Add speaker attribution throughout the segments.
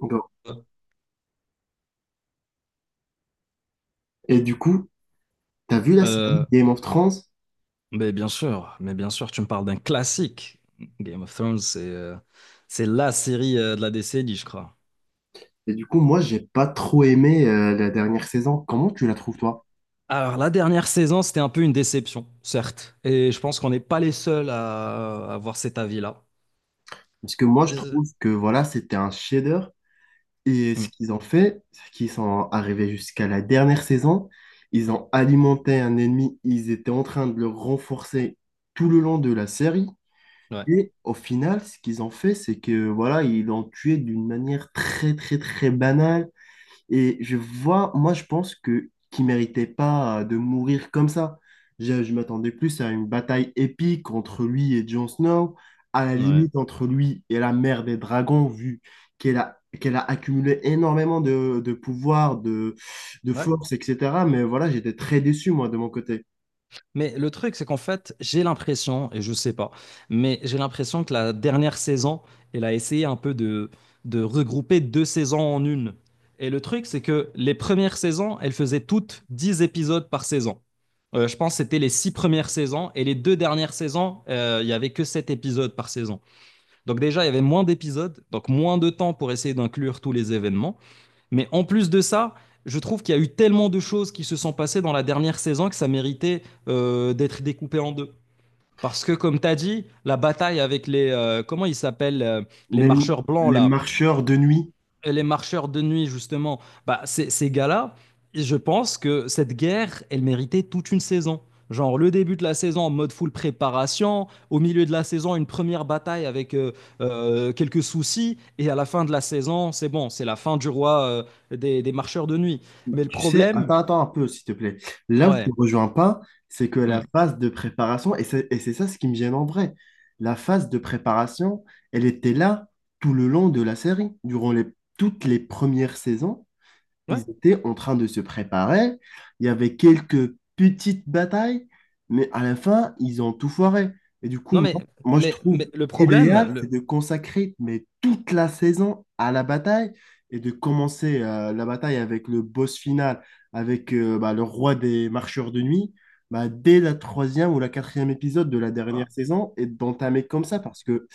Speaker 1: Bon. Et du coup, t'as vu la série
Speaker 2: Euh,
Speaker 1: Game of Thrones?
Speaker 2: mais bien sûr, mais bien sûr, tu me parles d'un classique. Game of Thrones, c'est la série de la décennie, je crois.
Speaker 1: Et du coup, moi, j'ai pas trop aimé la dernière saison. Comment tu la trouves, toi?
Speaker 2: Alors, la dernière saison, c'était un peu une déception, certes. Et je pense qu'on n'est pas les seuls à avoir cet avis-là.
Speaker 1: Parce que moi, je
Speaker 2: Euh,
Speaker 1: trouve que voilà, c'était un chef-d'œuvre. Et ce
Speaker 2: hmm,
Speaker 1: qu'ils ont fait, c'est qu'ils sont arrivés jusqu'à la dernière saison. Ils ont alimenté un ennemi. Ils étaient en train de le renforcer tout le long de la série.
Speaker 2: ouais,
Speaker 1: Et au final, ce qu'ils ont fait, c'est que voilà, ils l'ont tué d'une manière très, très, très banale. Et je vois, moi, je pense que qu'il méritait pas de mourir comme ça. Je m'attendais plus à une bataille épique entre lui et Jon Snow, à la
Speaker 2: ouais,
Speaker 1: limite entre lui et la mère des dragons, vu qu'elle a accumulé énormément de pouvoir, de
Speaker 2: ouais.
Speaker 1: force, etc. Mais voilà, j'étais très déçu, moi, de mon côté.
Speaker 2: Mais le truc, c'est qu'en fait, j'ai l'impression, et je sais pas, mais j'ai l'impression que la dernière saison, elle a essayé un peu de regrouper deux saisons en une. Et le truc, c'est que les premières saisons, elles faisaient toutes 10 épisodes par saison. Je pense que c'était les six premières saisons et les deux dernières saisons, il y avait que sept épisodes par saison. Donc déjà, il y avait moins d'épisodes, donc moins de temps pour essayer d'inclure tous les événements. Mais en plus de ça, je trouve qu'il y a eu tellement de choses qui se sont passées dans la dernière saison que ça méritait d'être découpé en deux. Parce que, comme tu as dit, la bataille avec les, comment ils s'appellent les
Speaker 1: Les,
Speaker 2: marcheurs blancs,
Speaker 1: les
Speaker 2: là,
Speaker 1: marcheurs de nuit,
Speaker 2: et les marcheurs de nuit, justement, bah, ces gars-là, je pense que cette guerre, elle méritait toute une saison. Genre le début de la saison en mode full préparation, au milieu de la saison une première bataille avec quelques soucis, et à la fin de la saison, c'est bon, c'est la fin du roi des marcheurs de nuit. Mais le
Speaker 1: tu sais,
Speaker 2: problème,
Speaker 1: attends, attends un peu, s'il te plaît. Là où je te
Speaker 2: ouais,
Speaker 1: rejoins pas, c'est que la
Speaker 2: hmm,
Speaker 1: phase de préparation, et c'est ça ce qui me gêne en vrai, la phase de préparation, elle était là tout le long de la série, toutes les premières saisons
Speaker 2: ouais,
Speaker 1: ils étaient en train de se préparer. Il y avait quelques petites batailles, mais à la fin, ils ont tout foiré. Et du coup,
Speaker 2: non mais,
Speaker 1: moi, je trouve
Speaker 2: mais le problème,
Speaker 1: idéal, c'est de consacrer mais toute la saison à la bataille et de commencer la bataille avec le boss final, avec bah, le roi des marcheurs de nuit, bah, dès la troisième ou la quatrième épisode de la dernière
Speaker 2: ah,
Speaker 1: saison et d'entamer comme ça parce que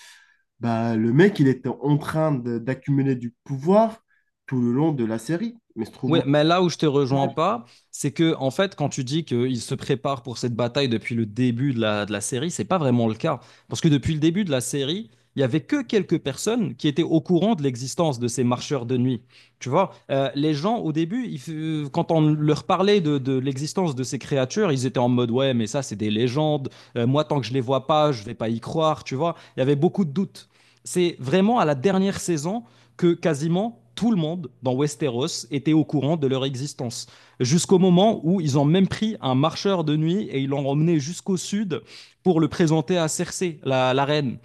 Speaker 1: bah, le mec, il était en train d'accumuler du pouvoir tout le long de la série. Mais se trouve,
Speaker 2: oui, mais là où je te rejoins pas, c'est que en fait, quand tu dis qu'ils se préparent pour cette bataille depuis le début de de la série, c'est pas vraiment le cas. Parce que depuis le début de la série, il y avait que quelques personnes qui étaient au courant de l'existence de ces marcheurs de nuit. Tu vois, les gens au début, quand on leur parlait de l'existence de ces créatures, ils étaient en mode ouais, mais ça c'est des légendes. Moi, tant que je les vois pas, je vais pas y croire. Tu vois, il y avait beaucoup de doutes. C'est vraiment à la dernière saison que quasiment tout le monde dans Westeros était au courant de leur existence. Jusqu'au moment où ils ont même pris un marcheur de nuit et ils l'ont emmené jusqu'au sud pour le présenter à Cersei, la reine.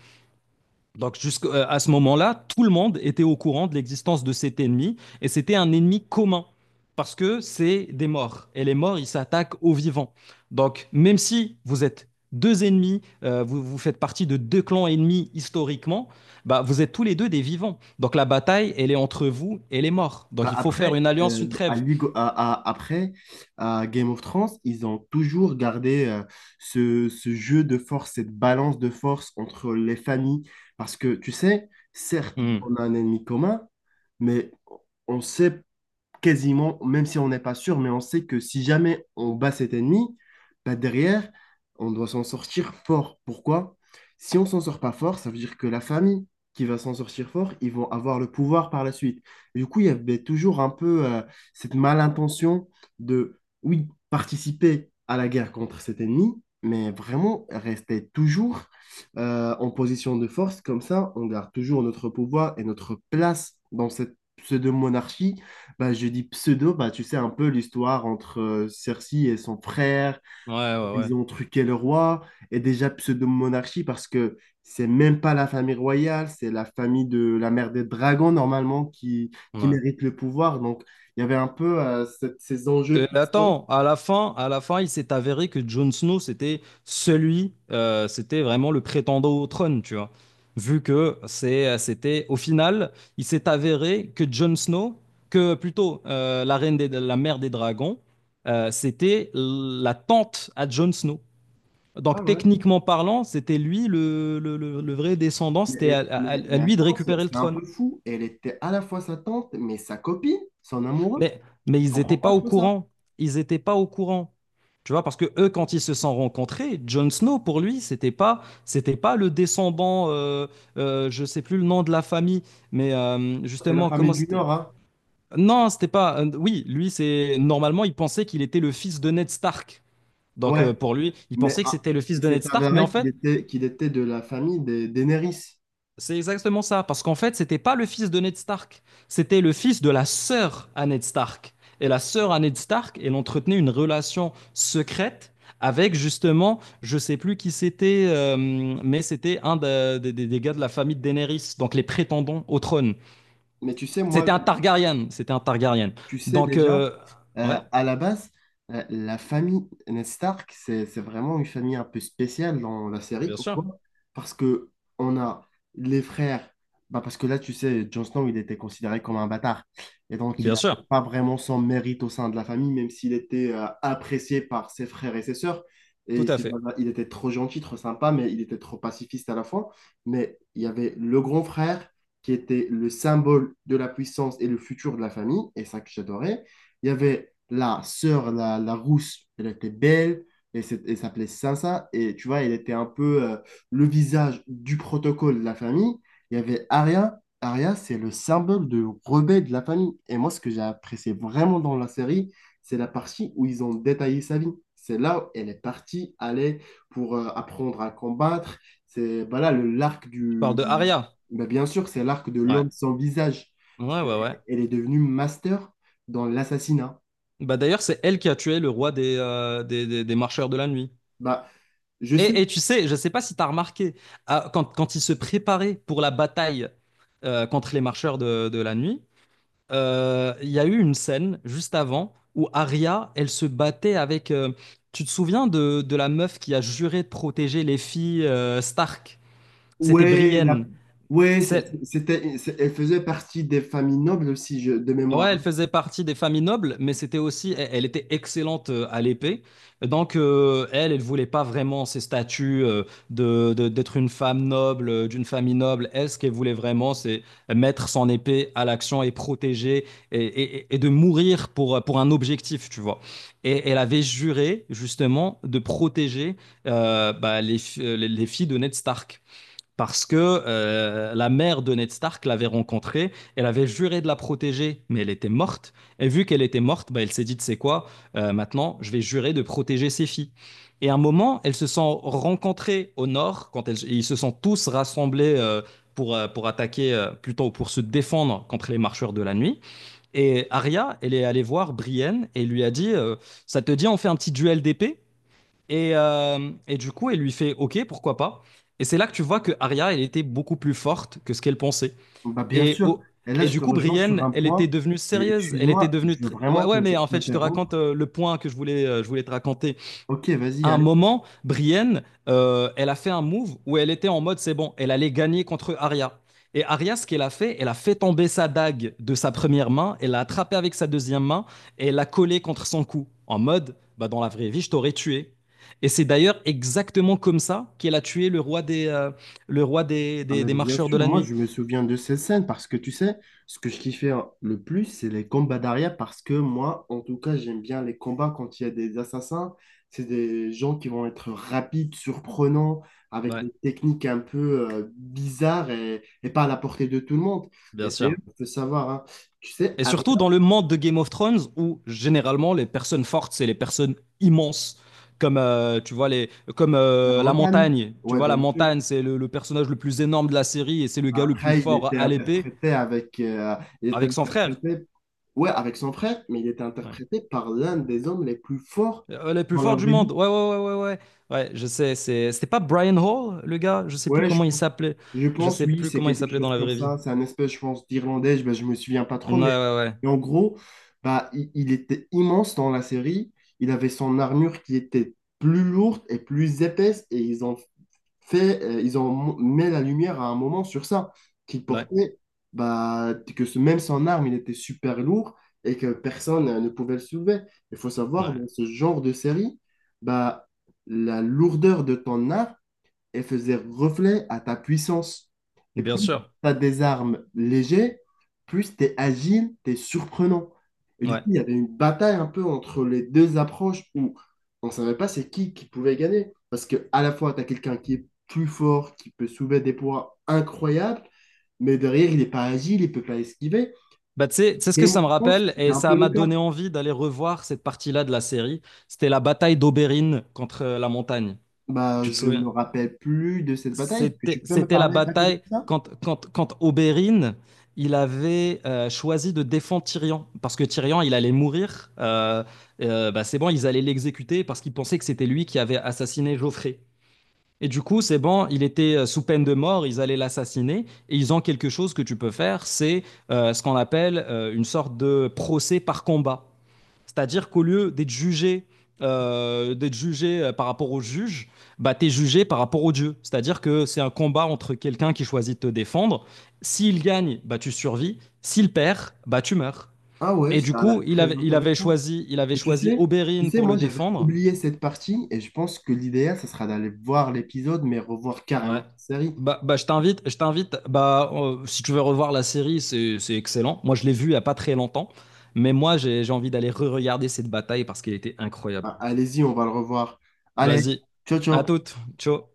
Speaker 2: Donc jusqu'à ce moment-là, tout le monde était au courant de l'existence de cet ennemi et c'était un ennemi commun parce que c'est des morts et les morts, ils s'attaquent aux vivants. Donc même si vous êtes deux ennemis, vous faites partie de deux clans ennemis historiquement, bah, vous êtes tous les deux des vivants. Donc la bataille, elle est entre vous et les morts.
Speaker 1: Bah
Speaker 2: Donc il faut faire
Speaker 1: après,
Speaker 2: une alliance, une
Speaker 1: à
Speaker 2: trêve.
Speaker 1: Ligo- à- après, à Game of Thrones, ils ont toujours gardé ce jeu de force, cette balance de force entre les familles. Parce que, tu sais, certes,
Speaker 2: Hmm.
Speaker 1: on a un ennemi commun, mais on sait quasiment, même si on n'est pas sûr, mais on sait que si jamais on bat cet ennemi, bah derrière, on doit s'en sortir fort. Pourquoi? Si on s'en sort pas fort, ça veut dire que la famille qui va s'en sortir fort, ils vont avoir le pouvoir par la suite. Et du coup, il y avait toujours un peu cette malintention de, oui, participer à la guerre contre cet ennemi, mais vraiment rester toujours en position de force. Comme ça, on garde toujours notre pouvoir et notre place dans cette pseudo-monarchie bah, je dis pseudo, bah, tu sais un peu l'histoire entre Cersei et son frère,
Speaker 2: Ouais, ouais, ouais.
Speaker 1: ils ont truqué le roi, et déjà pseudo-monarchie parce que c'est même pas la famille royale, c'est la famille de la mère des dragons normalement qui
Speaker 2: Ouais.
Speaker 1: mérite le pouvoir. Donc il y avait un peu ces enjeux
Speaker 2: Attends,
Speaker 1: historiques.
Speaker 2: à la fin, il s'est avéré que Jon Snow, c'était vraiment le prétendant au trône, tu vois. Vu que c'était, au final, il s'est avéré que Jon Snow, que plutôt la reine des, la mère des dragons, c'était la tante à Jon Snow.
Speaker 1: Ah
Speaker 2: Donc
Speaker 1: ouais.
Speaker 2: techniquement parlant, c'était lui le vrai descendant, c'était
Speaker 1: Mais, mais,
Speaker 2: à
Speaker 1: mais
Speaker 2: lui de
Speaker 1: attends, c'est
Speaker 2: récupérer le
Speaker 1: c'est un
Speaker 2: trône.
Speaker 1: peu fou. Elle était à la fois sa tante, mais sa copine, son amoureux.
Speaker 2: Mais, mais
Speaker 1: Je
Speaker 2: ils n'étaient
Speaker 1: comprends
Speaker 2: pas
Speaker 1: pas
Speaker 2: au
Speaker 1: trop ça.
Speaker 2: courant. Ils n'étaient pas au courant. Tu vois, parce que eux, quand ils se sont rencontrés, Jon Snow, pour lui, c'était pas le descendant, je sais plus le nom de la famille, mais
Speaker 1: C'est la
Speaker 2: justement,
Speaker 1: famille
Speaker 2: comment
Speaker 1: du
Speaker 2: c'était?
Speaker 1: Nord, hein.
Speaker 2: Non, c'était pas. Oui, lui, c'est normalement, il pensait qu'il était le fils de Ned Stark. Donc
Speaker 1: Ouais.
Speaker 2: pour lui, il
Speaker 1: Mais
Speaker 2: pensait que
Speaker 1: ah,
Speaker 2: c'était le fils
Speaker 1: il
Speaker 2: de
Speaker 1: s'est
Speaker 2: Ned Stark, mais en
Speaker 1: avéré
Speaker 2: fait,
Speaker 1: qu'il était de la famille des Daenerys.
Speaker 2: c'est exactement ça, parce qu'en fait, c'était pas le fils de Ned Stark, c'était le fils de la sœur à Ned Stark. Et la sœur à Ned Stark, elle entretenait une relation secrète avec justement, je sais plus qui c'était, mais c'était un de- des gars de la famille de Daenerys, donc les prétendants au trône.
Speaker 1: Mais tu sais, moi,
Speaker 2: C'était un Targaryen, c'était un Targaryen.
Speaker 1: Tu sais
Speaker 2: Donc,
Speaker 1: déjà,
Speaker 2: euh, ouais,
Speaker 1: à la base, la famille Ned Stark, c'est vraiment une famille un peu spéciale dans la série.
Speaker 2: bien
Speaker 1: Pourquoi?
Speaker 2: sûr,
Speaker 1: Parce que on a les frères. Bah parce que là, tu sais, Jon Snow, il était considéré comme un bâtard. Et donc, il
Speaker 2: bien
Speaker 1: n'avait
Speaker 2: sûr,
Speaker 1: pas vraiment son mérite au sein de la famille, même s'il était apprécié par ses frères et ses sœurs.
Speaker 2: tout
Speaker 1: Et
Speaker 2: à
Speaker 1: c'est-
Speaker 2: fait.
Speaker 1: il était trop gentil, trop sympa, mais il était trop pacifiste à la fois. Mais il y avait le grand frère qui était le symbole de la puissance et le futur de la famille, et ça que j'adorais. Il y avait la sœur, la rousse, elle était belle, elle s'appelait Sansa, et tu vois, elle était un peu le visage du protocole de la famille. Il y avait Arya, Arya, c'est le symbole de rebelle de la famille. Et moi, ce que j'ai apprécié vraiment dans la série, c'est la partie où ils ont détaillé sa vie. C'est là où elle est partie aller pour apprendre à combattre. C'est voilà le l'arc
Speaker 2: Je parle
Speaker 1: du,
Speaker 2: de Arya.
Speaker 1: mais bien sûr, c'est l'arc de
Speaker 2: Ouais,
Speaker 1: l'homme sans visage.
Speaker 2: ouais, ouais, ouais.
Speaker 1: Elle est devenue master dans l'assassinat.
Speaker 2: Bah d'ailleurs, c'est elle qui a tué le roi des marcheurs de la nuit.
Speaker 1: Bah, je sais,
Speaker 2: Et tu sais, je ne sais pas si tu as remarqué, quand, quand il se préparait pour la bataille contre les marcheurs de la nuit, il y a eu une scène juste avant où Arya, elle se battait avec... tu te souviens de la meuf qui a juré de protéger les filles Stark? C'était
Speaker 1: ouais, la-
Speaker 2: Brienne.
Speaker 1: ouais,
Speaker 2: C'est-
Speaker 1: elle faisait partie des familles nobles aussi, de
Speaker 2: Ouais,
Speaker 1: mémoire.
Speaker 2: elle
Speaker 1: Hein.
Speaker 2: faisait partie des familles nobles, mais c'était aussi, elle était excellente à l'épée. Donc, elle voulait pas vraiment ces statuts d'être une femme noble, d'une famille noble. Elle, ce qu'elle voulait vraiment, c'est mettre son épée à l'action et protéger et de mourir pour un objectif, tu vois. Et elle avait juré, justement, de protéger bah, les filles de Ned Stark parce que la mère de Ned Stark l'avait rencontrée, elle avait juré de la protéger, mais elle était morte. Et vu qu'elle était morte, bah, elle s'est dit, tu sais quoi, maintenant, je vais jurer de protéger ses filles. Et à un moment, elles se sont rencontrées au nord, quand ils se sont tous rassemblés pour attaquer, plutôt pour se défendre contre les marcheurs de la nuit. Et Arya, elle est allée voir Brienne et lui a dit, ça te dit, on fait un petit duel d'épée et du coup, elle lui fait OK, pourquoi pas. Et c'est là que tu vois que Arya, elle était beaucoup plus forte que ce qu'elle pensait.
Speaker 1: Bah, bien
Speaker 2: Et,
Speaker 1: sûr.
Speaker 2: au-
Speaker 1: Et là,
Speaker 2: et
Speaker 1: je
Speaker 2: du
Speaker 1: te
Speaker 2: coup,
Speaker 1: rejoins sur
Speaker 2: Brienne,
Speaker 1: un
Speaker 2: elle était
Speaker 1: point.
Speaker 2: devenue
Speaker 1: Et
Speaker 2: sérieuse. Elle était
Speaker 1: excuse-moi,
Speaker 2: devenue.
Speaker 1: je veux
Speaker 2: Tr- Ouais,
Speaker 1: vraiment
Speaker 2: ouais, mais en fait, je te raconte
Speaker 1: t'interrompre.
Speaker 2: le point que je voulais te raconter.
Speaker 1: Ok, vas-y,
Speaker 2: À un
Speaker 1: allez.
Speaker 2: moment, Brienne, elle a fait un move où elle était en mode c'est bon, elle allait gagner contre Arya. Et Arya, ce qu'elle a fait, elle a fait tomber sa dague de sa première main, elle l'a attrapée avec sa deuxième main et elle l'a collée contre son cou. En mode, bah, dans la vraie vie, je t'aurais tué. Et c'est d'ailleurs exactement comme ça qu'elle a tué le roi
Speaker 1: Ah ben,
Speaker 2: des
Speaker 1: bien
Speaker 2: marcheurs de
Speaker 1: sûr,
Speaker 2: la
Speaker 1: moi
Speaker 2: nuit.
Speaker 1: je me souviens de ces scènes parce que tu sais, ce que je kiffais le plus, c'est les combats d'arrière parce que moi, en tout cas, j'aime bien les combats quand il y a des assassins. C'est des gens qui vont être rapides, surprenants, avec
Speaker 2: Ouais,
Speaker 1: des techniques un peu bizarres et pas à la portée de tout le monde.
Speaker 2: bien
Speaker 1: Et d'ailleurs,
Speaker 2: sûr.
Speaker 1: il faut savoir, hein, tu sais,
Speaker 2: Et
Speaker 1: avec
Speaker 2: surtout dans le monde de Game of Thrones où généralement les personnes fortes, c'est les personnes immenses. Comme, euh, tu vois, les, comme
Speaker 1: la
Speaker 2: euh, la
Speaker 1: montagne,
Speaker 2: montagne. Tu
Speaker 1: ouais,
Speaker 2: vois, la
Speaker 1: bien sûr.
Speaker 2: montagne, c'est le personnage le plus énorme de la série et c'est le gars le plus
Speaker 1: Après,
Speaker 2: fort à l'épée
Speaker 1: il était
Speaker 2: avec son frère.
Speaker 1: interprété Ouais, avec son frère, mais il était
Speaker 2: Ouais.
Speaker 1: interprété par l'un des hommes les plus forts
Speaker 2: Le plus
Speaker 1: dans la
Speaker 2: fort du
Speaker 1: vraie vie.
Speaker 2: monde. Ouais, ouais, ouais, ouais, ouais. Ouais, je sais. C'était pas Brian Hall, le gars? Je sais plus
Speaker 1: Ouais,
Speaker 2: comment il s'appelait.
Speaker 1: je
Speaker 2: Je
Speaker 1: pense,
Speaker 2: sais
Speaker 1: oui,
Speaker 2: plus
Speaker 1: c'est
Speaker 2: comment il
Speaker 1: quelque
Speaker 2: s'appelait dans
Speaker 1: chose
Speaker 2: la
Speaker 1: comme
Speaker 2: vraie vie.
Speaker 1: ça. C'est un espèce, je pense, d'Irlandais, je, ben, je me souviens pas
Speaker 2: Ouais,
Speaker 1: trop,
Speaker 2: ouais, ouais.
Speaker 1: mais en gros, bah, il était immense dans la série. Il avait son armure qui était plus lourde et plus épaisse, et ils ont mis la lumière à un moment sur ça, qu'il
Speaker 2: Ouais,
Speaker 1: portait, bah, que ce, même son arme, il était super lourd et que personne ne pouvait le soulever. Il faut savoir,
Speaker 2: ouais.
Speaker 1: dans ce genre de série, bah, la lourdeur de ton arme, et faisait reflet à ta puissance. Et
Speaker 2: Bien
Speaker 1: plus tu
Speaker 2: sûr.
Speaker 1: as des armes légères, plus tu es agile, tu es surprenant. Et du coup,
Speaker 2: Ouais.
Speaker 1: il y avait une bataille un peu entre les deux approches où on ne savait pas c'est qui pouvait gagner. Parce que à la fois, tu as quelqu'un qui est plus fort, qui peut soulever des poids incroyables, mais derrière, il n'est pas agile, il ne peut pas esquiver.
Speaker 2: Bah, tu sais ce
Speaker 1: Et
Speaker 2: que ça
Speaker 1: moi,
Speaker 2: me
Speaker 1: je pense que
Speaker 2: rappelle,
Speaker 1: c'était
Speaker 2: et
Speaker 1: un
Speaker 2: ça
Speaker 1: peu le
Speaker 2: m'a donné
Speaker 1: cas.
Speaker 2: envie d'aller revoir cette partie-là de la série. C'était la bataille d'Oberyn contre la montagne.
Speaker 1: Bah,
Speaker 2: Tu te
Speaker 1: je me
Speaker 2: souviens?
Speaker 1: rappelle plus de cette bataille. Est-ce que tu peux me
Speaker 2: C'était la
Speaker 1: parler rapidement
Speaker 2: bataille
Speaker 1: de ça?
Speaker 2: quand Oberyn, il avait choisi de défendre Tyrion, parce que Tyrion, il allait mourir. Bah, c'est bon, ils allaient l'exécuter parce qu'ils pensaient que c'était lui qui avait assassiné Joffrey. Et du coup, c'est bon, il était sous peine de mort, ils allaient l'assassiner, et ils ont quelque chose que tu peux faire, c'est ce qu'on appelle une sorte de procès par combat. C'est-à-dire qu'au lieu d'être jugé, par rapport au juge, bah, tu es jugé par rapport au Dieu. C'est-à-dire que c'est un combat entre quelqu'un qui choisit de te défendre. S'il gagne, bah, tu survis. S'il perd, bah, tu meurs.
Speaker 1: Ah ouais,
Speaker 2: Et du
Speaker 1: ça a
Speaker 2: coup,
Speaker 1: l'air très intéressant.
Speaker 2: il avait
Speaker 1: Mais tu
Speaker 2: choisi
Speaker 1: sais, tu
Speaker 2: Oberyn
Speaker 1: sais,
Speaker 2: pour
Speaker 1: moi
Speaker 2: le
Speaker 1: j'avais
Speaker 2: défendre.
Speaker 1: oublié cette partie et je pense que l'idéal, ça sera d'aller voir l'épisode, mais revoir carrément la
Speaker 2: Ouais.
Speaker 1: série.
Speaker 2: Bah, je t'invite, bah, si tu veux revoir la série, c'est excellent. Moi, je l'ai vue il n'y a pas très longtemps, mais moi, j'ai envie d'aller re-regarder cette bataille parce qu'elle était incroyable.
Speaker 1: Ah, allez-y, on va le revoir. Allez,
Speaker 2: Vas-y,
Speaker 1: ciao,
Speaker 2: à
Speaker 1: ciao.
Speaker 2: toute, ciao.